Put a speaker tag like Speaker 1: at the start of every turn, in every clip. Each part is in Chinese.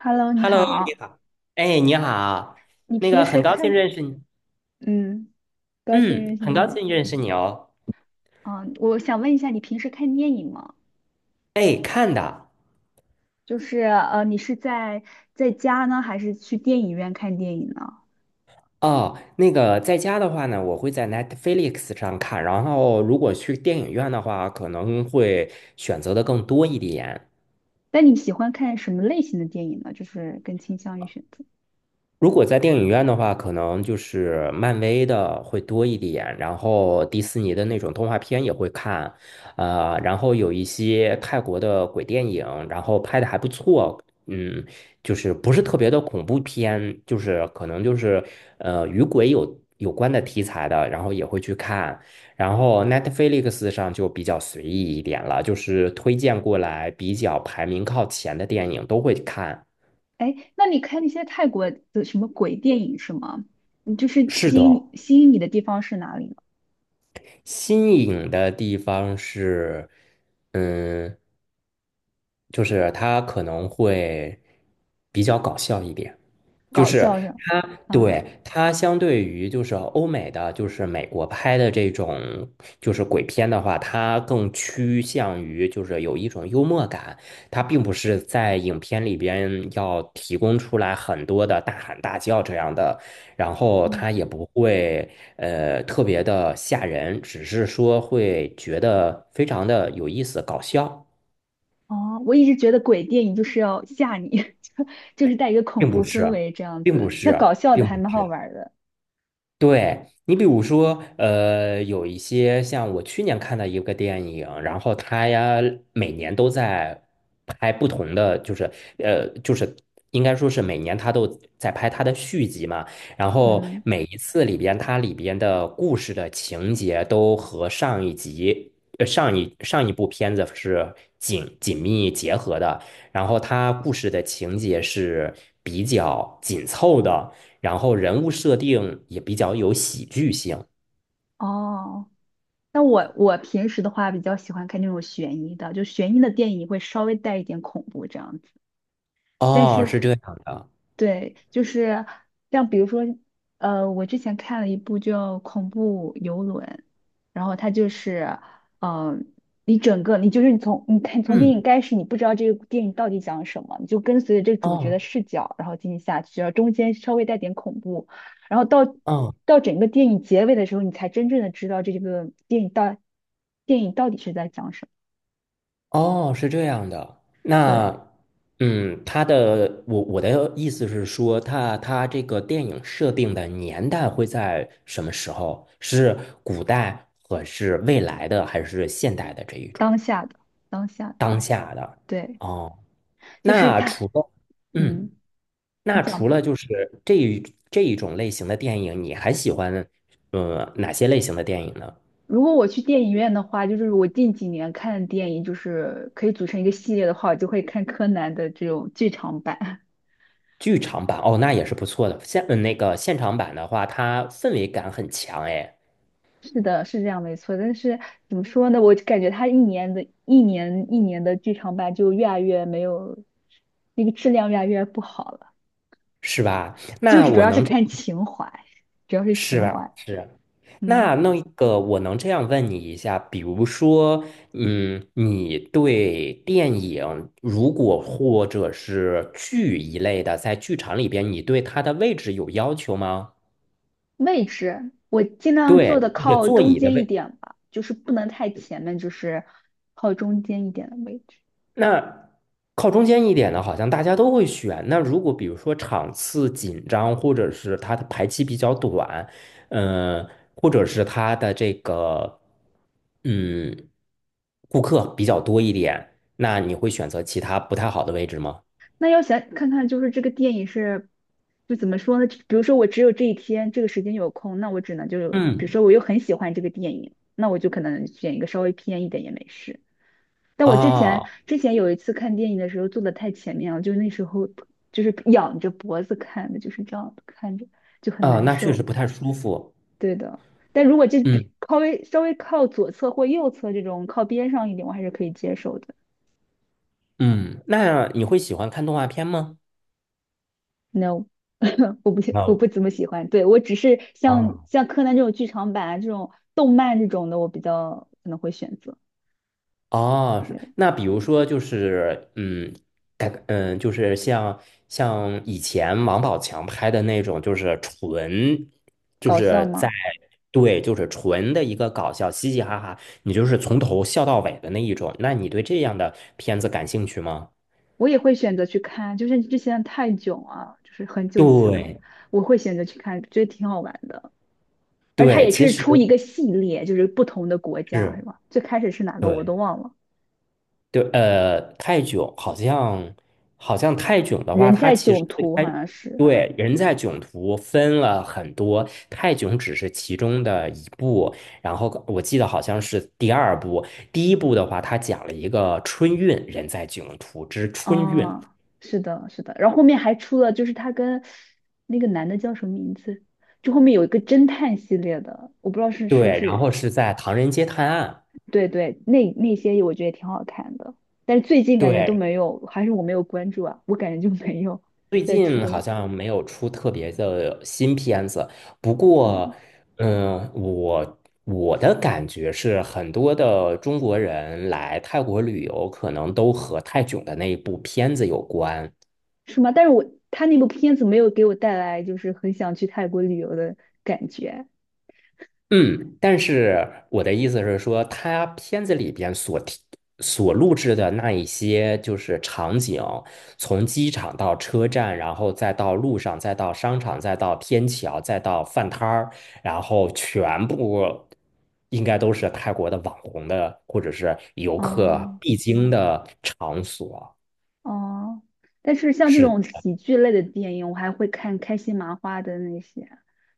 Speaker 1: Hello，你
Speaker 2: Hello，你
Speaker 1: 好。
Speaker 2: 好。哎，你好，
Speaker 1: 你
Speaker 2: 那
Speaker 1: 平
Speaker 2: 个
Speaker 1: 时
Speaker 2: 很高兴
Speaker 1: 看，
Speaker 2: 认识你，
Speaker 1: 嗯，高兴认
Speaker 2: 嗯，
Speaker 1: 识
Speaker 2: 很高
Speaker 1: 你。
Speaker 2: 兴认识你哦。
Speaker 1: 嗯，我想问一下，你平时看电影吗？
Speaker 2: 哎，看的
Speaker 1: 你是在在家呢，还是去电影院看电影呢？
Speaker 2: 哦，那个在家的话呢，我会在 Netflix 上看，然后如果去电影院的话，可能会选择的更多一点。
Speaker 1: 那你喜欢看什么类型的电影呢？就是更倾向于选择。
Speaker 2: 如果在电影院的话，可能就是漫威的会多一点，然后迪士尼的那种动画片也会看，然后有一些泰国的鬼电影，然后拍的还不错，嗯，就是不是特别的恐怖片，就是可能就是与鬼有关的题材的，然后也会去看，然后 Netflix 上就比较随意一点了，就是推荐过来比较排名靠前的电影都会看。
Speaker 1: 哎，那你看那些泰国的什么鬼电影是吗？你就是
Speaker 2: 是
Speaker 1: 吸
Speaker 2: 的。
Speaker 1: 引吸引你的地方是哪里呢？
Speaker 2: 新颖的地方是，嗯，就是它可能会比较搞笑一点。就
Speaker 1: 搞
Speaker 2: 是
Speaker 1: 笑是吧？
Speaker 2: 它，
Speaker 1: 啊，
Speaker 2: 对，它相对于就是欧美的，就是美国拍的这种就是鬼片的话，它更趋向于就是有一种幽默感，它并不是在影片里边要提供出来很多的大喊大叫这样的，然后
Speaker 1: 嗯。
Speaker 2: 它也不会特别的吓人，只是说会觉得非常的有意思、搞笑，
Speaker 1: 哦，我一直觉得鬼电影就是要吓你，就就是带一个恐
Speaker 2: 并不
Speaker 1: 怖氛
Speaker 2: 是，
Speaker 1: 围这样
Speaker 2: 并不
Speaker 1: 子。那搞
Speaker 2: 是，
Speaker 1: 笑的
Speaker 2: 并
Speaker 1: 还
Speaker 2: 不
Speaker 1: 蛮好
Speaker 2: 是。
Speaker 1: 玩儿的。
Speaker 2: 对，你比如说，有一些像我去年看的一个电影，然后它呀每年都在拍不同的，就是应该说是每年它都在拍它的续集嘛。然后
Speaker 1: 嗯，
Speaker 2: 每一次里边它里边的故事的情节都和上一集、上一部片子是紧紧密结合的，然后它故事的情节是比较紧凑的。然后人物设定也比较有喜剧性。
Speaker 1: 哦，那我平时的话比较喜欢看那种悬疑的，就悬疑的电影会稍微带一点恐怖这样子。但
Speaker 2: 哦，
Speaker 1: 是
Speaker 2: 是这样的。
Speaker 1: 对，就是像比如说，我之前看了一部叫《恐怖游轮》，然后它就是，嗯、你整个你就是你从你看从电
Speaker 2: 嗯，
Speaker 1: 影开始，你不知道这个电影到底讲什么，你就跟随着这主角的
Speaker 2: 哦，
Speaker 1: 视角，然后进行下去，然后中间稍微带点恐怖，然后到
Speaker 2: 哦，
Speaker 1: 到整个电影结尾的时候，你才真正的知道这个电影到底是在讲什么。
Speaker 2: 哦，是这样的。
Speaker 1: 对，
Speaker 2: 那，嗯，他的我的意思是说，他这个电影设定的年代会在什么时候？是古代，还是未来的，还是现代的这一种
Speaker 1: 当下的当下，
Speaker 2: 当下的？
Speaker 1: 对，
Speaker 2: 哦，
Speaker 1: 就是
Speaker 2: 那除
Speaker 1: 它，
Speaker 2: 了嗯。
Speaker 1: 嗯。
Speaker 2: 那
Speaker 1: 你讲
Speaker 2: 除了
Speaker 1: 吧。
Speaker 2: 就是这一种类型的电影，你还喜欢哪些类型的电影呢？
Speaker 1: 如果我去电影院的话，就是我近几年看的电影，就是可以组成一个系列的话，我就会看柯南的这种剧场版。
Speaker 2: 剧场版哦，那也是不错的。现嗯那个现场版的话，它氛围感很强，哎，
Speaker 1: 是的，是这样没错。但是怎么说呢？我就感觉他一年的剧场版就越来越没有那个质量，越来越不好了。
Speaker 2: 是吧？
Speaker 1: 就
Speaker 2: 那
Speaker 1: 是主
Speaker 2: 我
Speaker 1: 要是
Speaker 2: 能这
Speaker 1: 看
Speaker 2: 样
Speaker 1: 情怀，主要是
Speaker 2: 是
Speaker 1: 情
Speaker 2: 吧？
Speaker 1: 怀。
Speaker 2: 是。那
Speaker 1: 嗯，
Speaker 2: 那个，我能这样问你一下，比如说，嗯，你对电影，如果或者是剧一类的，在剧场里边，你对它的位置有要求吗？
Speaker 1: 位置我尽量坐的
Speaker 2: 对，那个
Speaker 1: 靠
Speaker 2: 座
Speaker 1: 中
Speaker 2: 椅的
Speaker 1: 间一
Speaker 2: 位。
Speaker 1: 点吧，就是不能太前面，就是靠中间一点的位置。
Speaker 2: 那靠中间一点的，好像大家都会选。那如果比如说场次紧张，或者是它的排期比较短，嗯、或者是它的这个嗯顾客比较多一点，那你会选择其他不太好的位置吗？
Speaker 1: 那要想看看，就是这个电影是，就怎么说呢？比如说我只有这一天这个时间有空，那我只能就，比如
Speaker 2: 嗯，
Speaker 1: 说我又很喜欢这个电影，那我就可能选一个稍微偏一点也没事。但我之
Speaker 2: 啊
Speaker 1: 前之前有一次看电影的时候坐的太前面了，就那时候就是仰着脖子看的，就是这样看着就很
Speaker 2: 啊，
Speaker 1: 难
Speaker 2: 那确实
Speaker 1: 受。
Speaker 2: 不太舒服。
Speaker 1: 对的，但如果这
Speaker 2: 嗯
Speaker 1: 比稍微靠左侧或右侧这种靠边上一点，我还是可以接受的。
Speaker 2: 嗯，那你会喜欢看动画片吗？
Speaker 1: No,我不
Speaker 2: 啊
Speaker 1: 怎么喜欢。对，我只是像
Speaker 2: 啊
Speaker 1: 像柯南这种剧场版啊，这种动漫这种的，我比较可能会选择。
Speaker 2: 哦，是
Speaker 1: 对，
Speaker 2: 那比如说就是，嗯，改革嗯，就是像以前王宝强拍的那种，就是纯，就
Speaker 1: 搞笑
Speaker 2: 是在
Speaker 1: 吗？
Speaker 2: 对，就是纯的一个搞笑，嘻嘻哈哈，你就是从头笑到尾的那一种。那你对这样的片子感兴趣吗？
Speaker 1: 我也会选择去看，就是之前的泰囧啊，就是很久以前了，
Speaker 2: 对
Speaker 1: 我会选择去看，觉得挺好玩的。而它
Speaker 2: 对，
Speaker 1: 也
Speaker 2: 其
Speaker 1: 是
Speaker 2: 实
Speaker 1: 出一个系列，就是不同的国家，是
Speaker 2: 是
Speaker 1: 吧？最开始是哪个我
Speaker 2: 对。
Speaker 1: 都忘了，
Speaker 2: 对，泰囧好像好像泰囧的话，
Speaker 1: 人
Speaker 2: 它
Speaker 1: 在
Speaker 2: 其实
Speaker 1: 囧
Speaker 2: 最
Speaker 1: 途好
Speaker 2: 开
Speaker 1: 像是，
Speaker 2: 对人在囧途分了很多，泰囧只是其中的一部。然后我记得好像是第二部，第一部的话，它讲了一个春运，人在囧途之春运。
Speaker 1: 哦，是的，是的，然后后面还出了，就是他跟那个男的叫什么名字？就后面有一个侦探系列的，我不知道是不
Speaker 2: 对，然
Speaker 1: 是，
Speaker 2: 后是在唐人街探案。
Speaker 1: 对对，那那些我觉得也挺好看的，但是最近感觉都
Speaker 2: 对，
Speaker 1: 没有，还是我没有关注啊，我感觉就没有
Speaker 2: 最
Speaker 1: 再
Speaker 2: 近
Speaker 1: 出
Speaker 2: 好
Speaker 1: 了，
Speaker 2: 像没有出特别的新片子，不过，
Speaker 1: 对，
Speaker 2: 嗯，我的感觉是，很多的中国人来泰国旅游，可能都和泰囧的那一部片子有关。
Speaker 1: 是吗？但是我他那部片子没有给我带来就是很想去泰国旅游的感觉，
Speaker 2: 嗯，但是我的意思是说，他片子里边所提、所录制的那一些就是场景，从机场到车站，然后再到路上，再到商场，再到天桥，再到饭摊儿，然后全部应该都是泰国的网红的或者是游客
Speaker 1: 哦、
Speaker 2: 必经的场所。
Speaker 1: 哦，但是像这
Speaker 2: 是。
Speaker 1: 种喜剧类的电影，我还会看开心麻花的那些，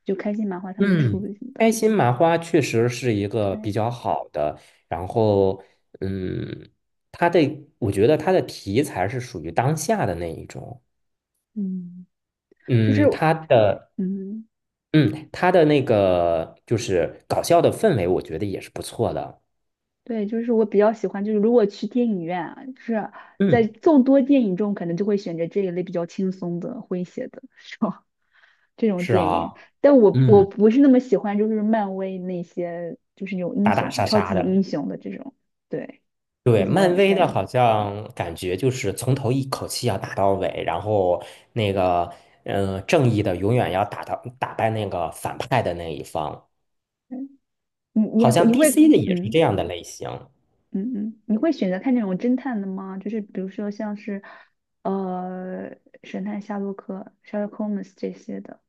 Speaker 1: 就开心麻花他们出
Speaker 2: 嗯，
Speaker 1: 的。
Speaker 2: 开心麻花确实是一个比
Speaker 1: 对，
Speaker 2: 较好的，然后嗯，他的我觉得他的题材是属于当下的那一种，
Speaker 1: 嗯，就是，
Speaker 2: 嗯，他的
Speaker 1: 嗯，
Speaker 2: 嗯他的那个就是搞笑的氛围，我觉得也是不错的，
Speaker 1: 对，就是我比较喜欢，就是如果去电影院啊，就是在
Speaker 2: 嗯，
Speaker 1: 众多电影中，可能就会选择这一类比较轻松的、诙谐的这种 这种
Speaker 2: 是
Speaker 1: 电
Speaker 2: 啊，
Speaker 1: 影。但我
Speaker 2: 嗯，
Speaker 1: 不是那么喜欢，就是漫威那些，就是那种英
Speaker 2: 打打
Speaker 1: 雄、
Speaker 2: 杀
Speaker 1: 超
Speaker 2: 杀
Speaker 1: 级
Speaker 2: 的，
Speaker 1: 英雄的这种，对，就
Speaker 2: 对，
Speaker 1: 怎
Speaker 2: 漫
Speaker 1: 么
Speaker 2: 威的
Speaker 1: 感，
Speaker 2: 好像感觉就是从头一口气要打到尾，然后那个正义的永远要打到打败那个反派的那一方。
Speaker 1: 嗯你
Speaker 2: 好
Speaker 1: 你
Speaker 2: 像
Speaker 1: 你会，
Speaker 2: DC 的也是
Speaker 1: 嗯。
Speaker 2: 这样的类型。
Speaker 1: 嗯嗯，你会选择看那种侦探的吗？就是比如说像是，呃，神探夏洛克、Sherlock Holmes 这些的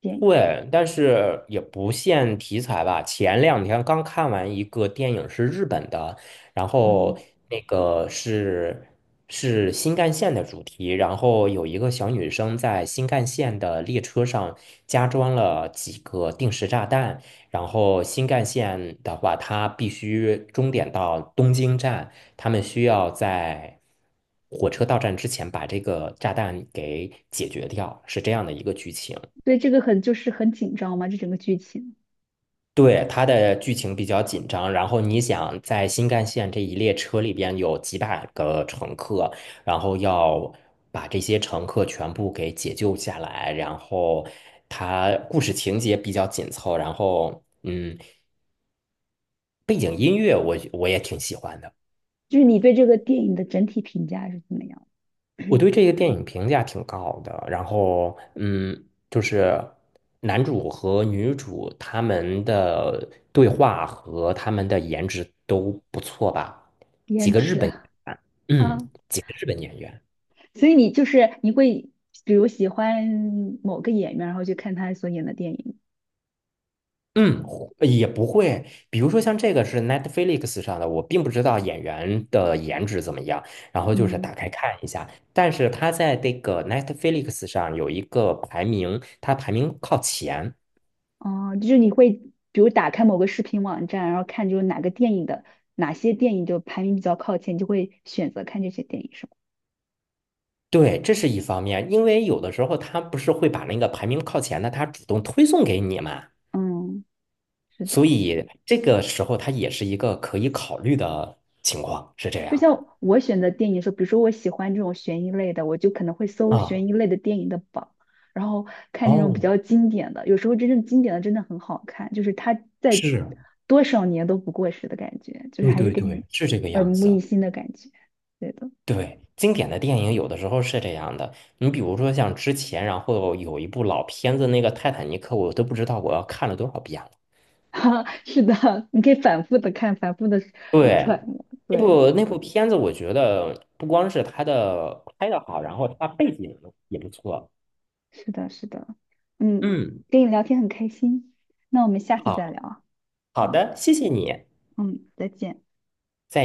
Speaker 1: 电影。
Speaker 2: 对，但是也不限题材吧。前两天刚看完一个电影，是日本的，然后
Speaker 1: 嗯，
Speaker 2: 那个是是新干线的主题，然后有一个小女生在新干线的列车上加装了几个定时炸弹，然后新干线的话，它必须终点到东京站，他们需要在火车到站之前把这个炸弹给解决掉，是这样的一个剧情。
Speaker 1: 对这个很就是很紧张嘛，这整个剧情，
Speaker 2: 对，它的剧情比较紧张，然后你想在新干线这一列车里边有几百个乘客，然后要把这些乘客全部给解救下来，然后它故事情节比较紧凑，然后嗯，背景音乐我也挺喜欢的。
Speaker 1: 就是你对这个电影的整体评价是怎么样？
Speaker 2: 我 对这个电影评价挺高的，然后嗯，就是男主和女主他们的对话和他们的颜值都不错吧？几
Speaker 1: 颜
Speaker 2: 个日
Speaker 1: 值
Speaker 2: 本，嗯，
Speaker 1: 啊，
Speaker 2: 几个日本演员，
Speaker 1: 所以你就是你会比如喜欢某个演员，然后去看他所演的电影。
Speaker 2: 嗯，也不会。比如说像这个是 Netflix 上的，我并不知道演员的颜值怎么样，然后就是
Speaker 1: 嗯。
Speaker 2: 打开看一下，但是他在这个 Netflix 上有一个排名，他排名靠前。
Speaker 1: 哦，就是你会比如打开某个视频网站，然后看就是哪个电影的哪些电影就排名比较靠前，你就会选择看这些电影，是吗？
Speaker 2: 对，这是一方面，因为有的时候他不是会把那个排名靠前的，他主动推送给你嘛，
Speaker 1: 嗯，是
Speaker 2: 所
Speaker 1: 的。
Speaker 2: 以这个时候它也是一个可以考虑的情况，是这
Speaker 1: 就
Speaker 2: 样
Speaker 1: 像我选择电影的时候，比如说我喜欢这种悬疑类的，我就可能会
Speaker 2: 的
Speaker 1: 搜
Speaker 2: 啊。
Speaker 1: 悬疑类的电影的榜，然后看那种比
Speaker 2: 哦，
Speaker 1: 较经典的。有时候真正经典的真的很好看，就是它在
Speaker 2: 是，
Speaker 1: 多少年都不过时的感觉，就是
Speaker 2: 对
Speaker 1: 还是
Speaker 2: 对
Speaker 1: 给你
Speaker 2: 对，是这个
Speaker 1: 耳
Speaker 2: 样
Speaker 1: 目
Speaker 2: 子。
Speaker 1: 一新的感觉。对的。
Speaker 2: 对，经典的电影有的时候是这样的，你比如说像之前，然后有一部老片子，那个《泰坦尼克》，我都不知道我要看了多少遍。了。
Speaker 1: 哈，是的，你可以反复的看，反复的
Speaker 2: 对，
Speaker 1: 揣摩。
Speaker 2: 那
Speaker 1: 对，
Speaker 2: 部那部片子，我觉得不光是它的拍的好，然后它背景也不错。
Speaker 1: 是的，是的。嗯，
Speaker 2: 嗯，
Speaker 1: 跟你聊天很开心，那我们下次再
Speaker 2: 好
Speaker 1: 聊
Speaker 2: 好
Speaker 1: 啊。好，
Speaker 2: 的，谢谢你。
Speaker 1: 嗯，再见。
Speaker 2: 再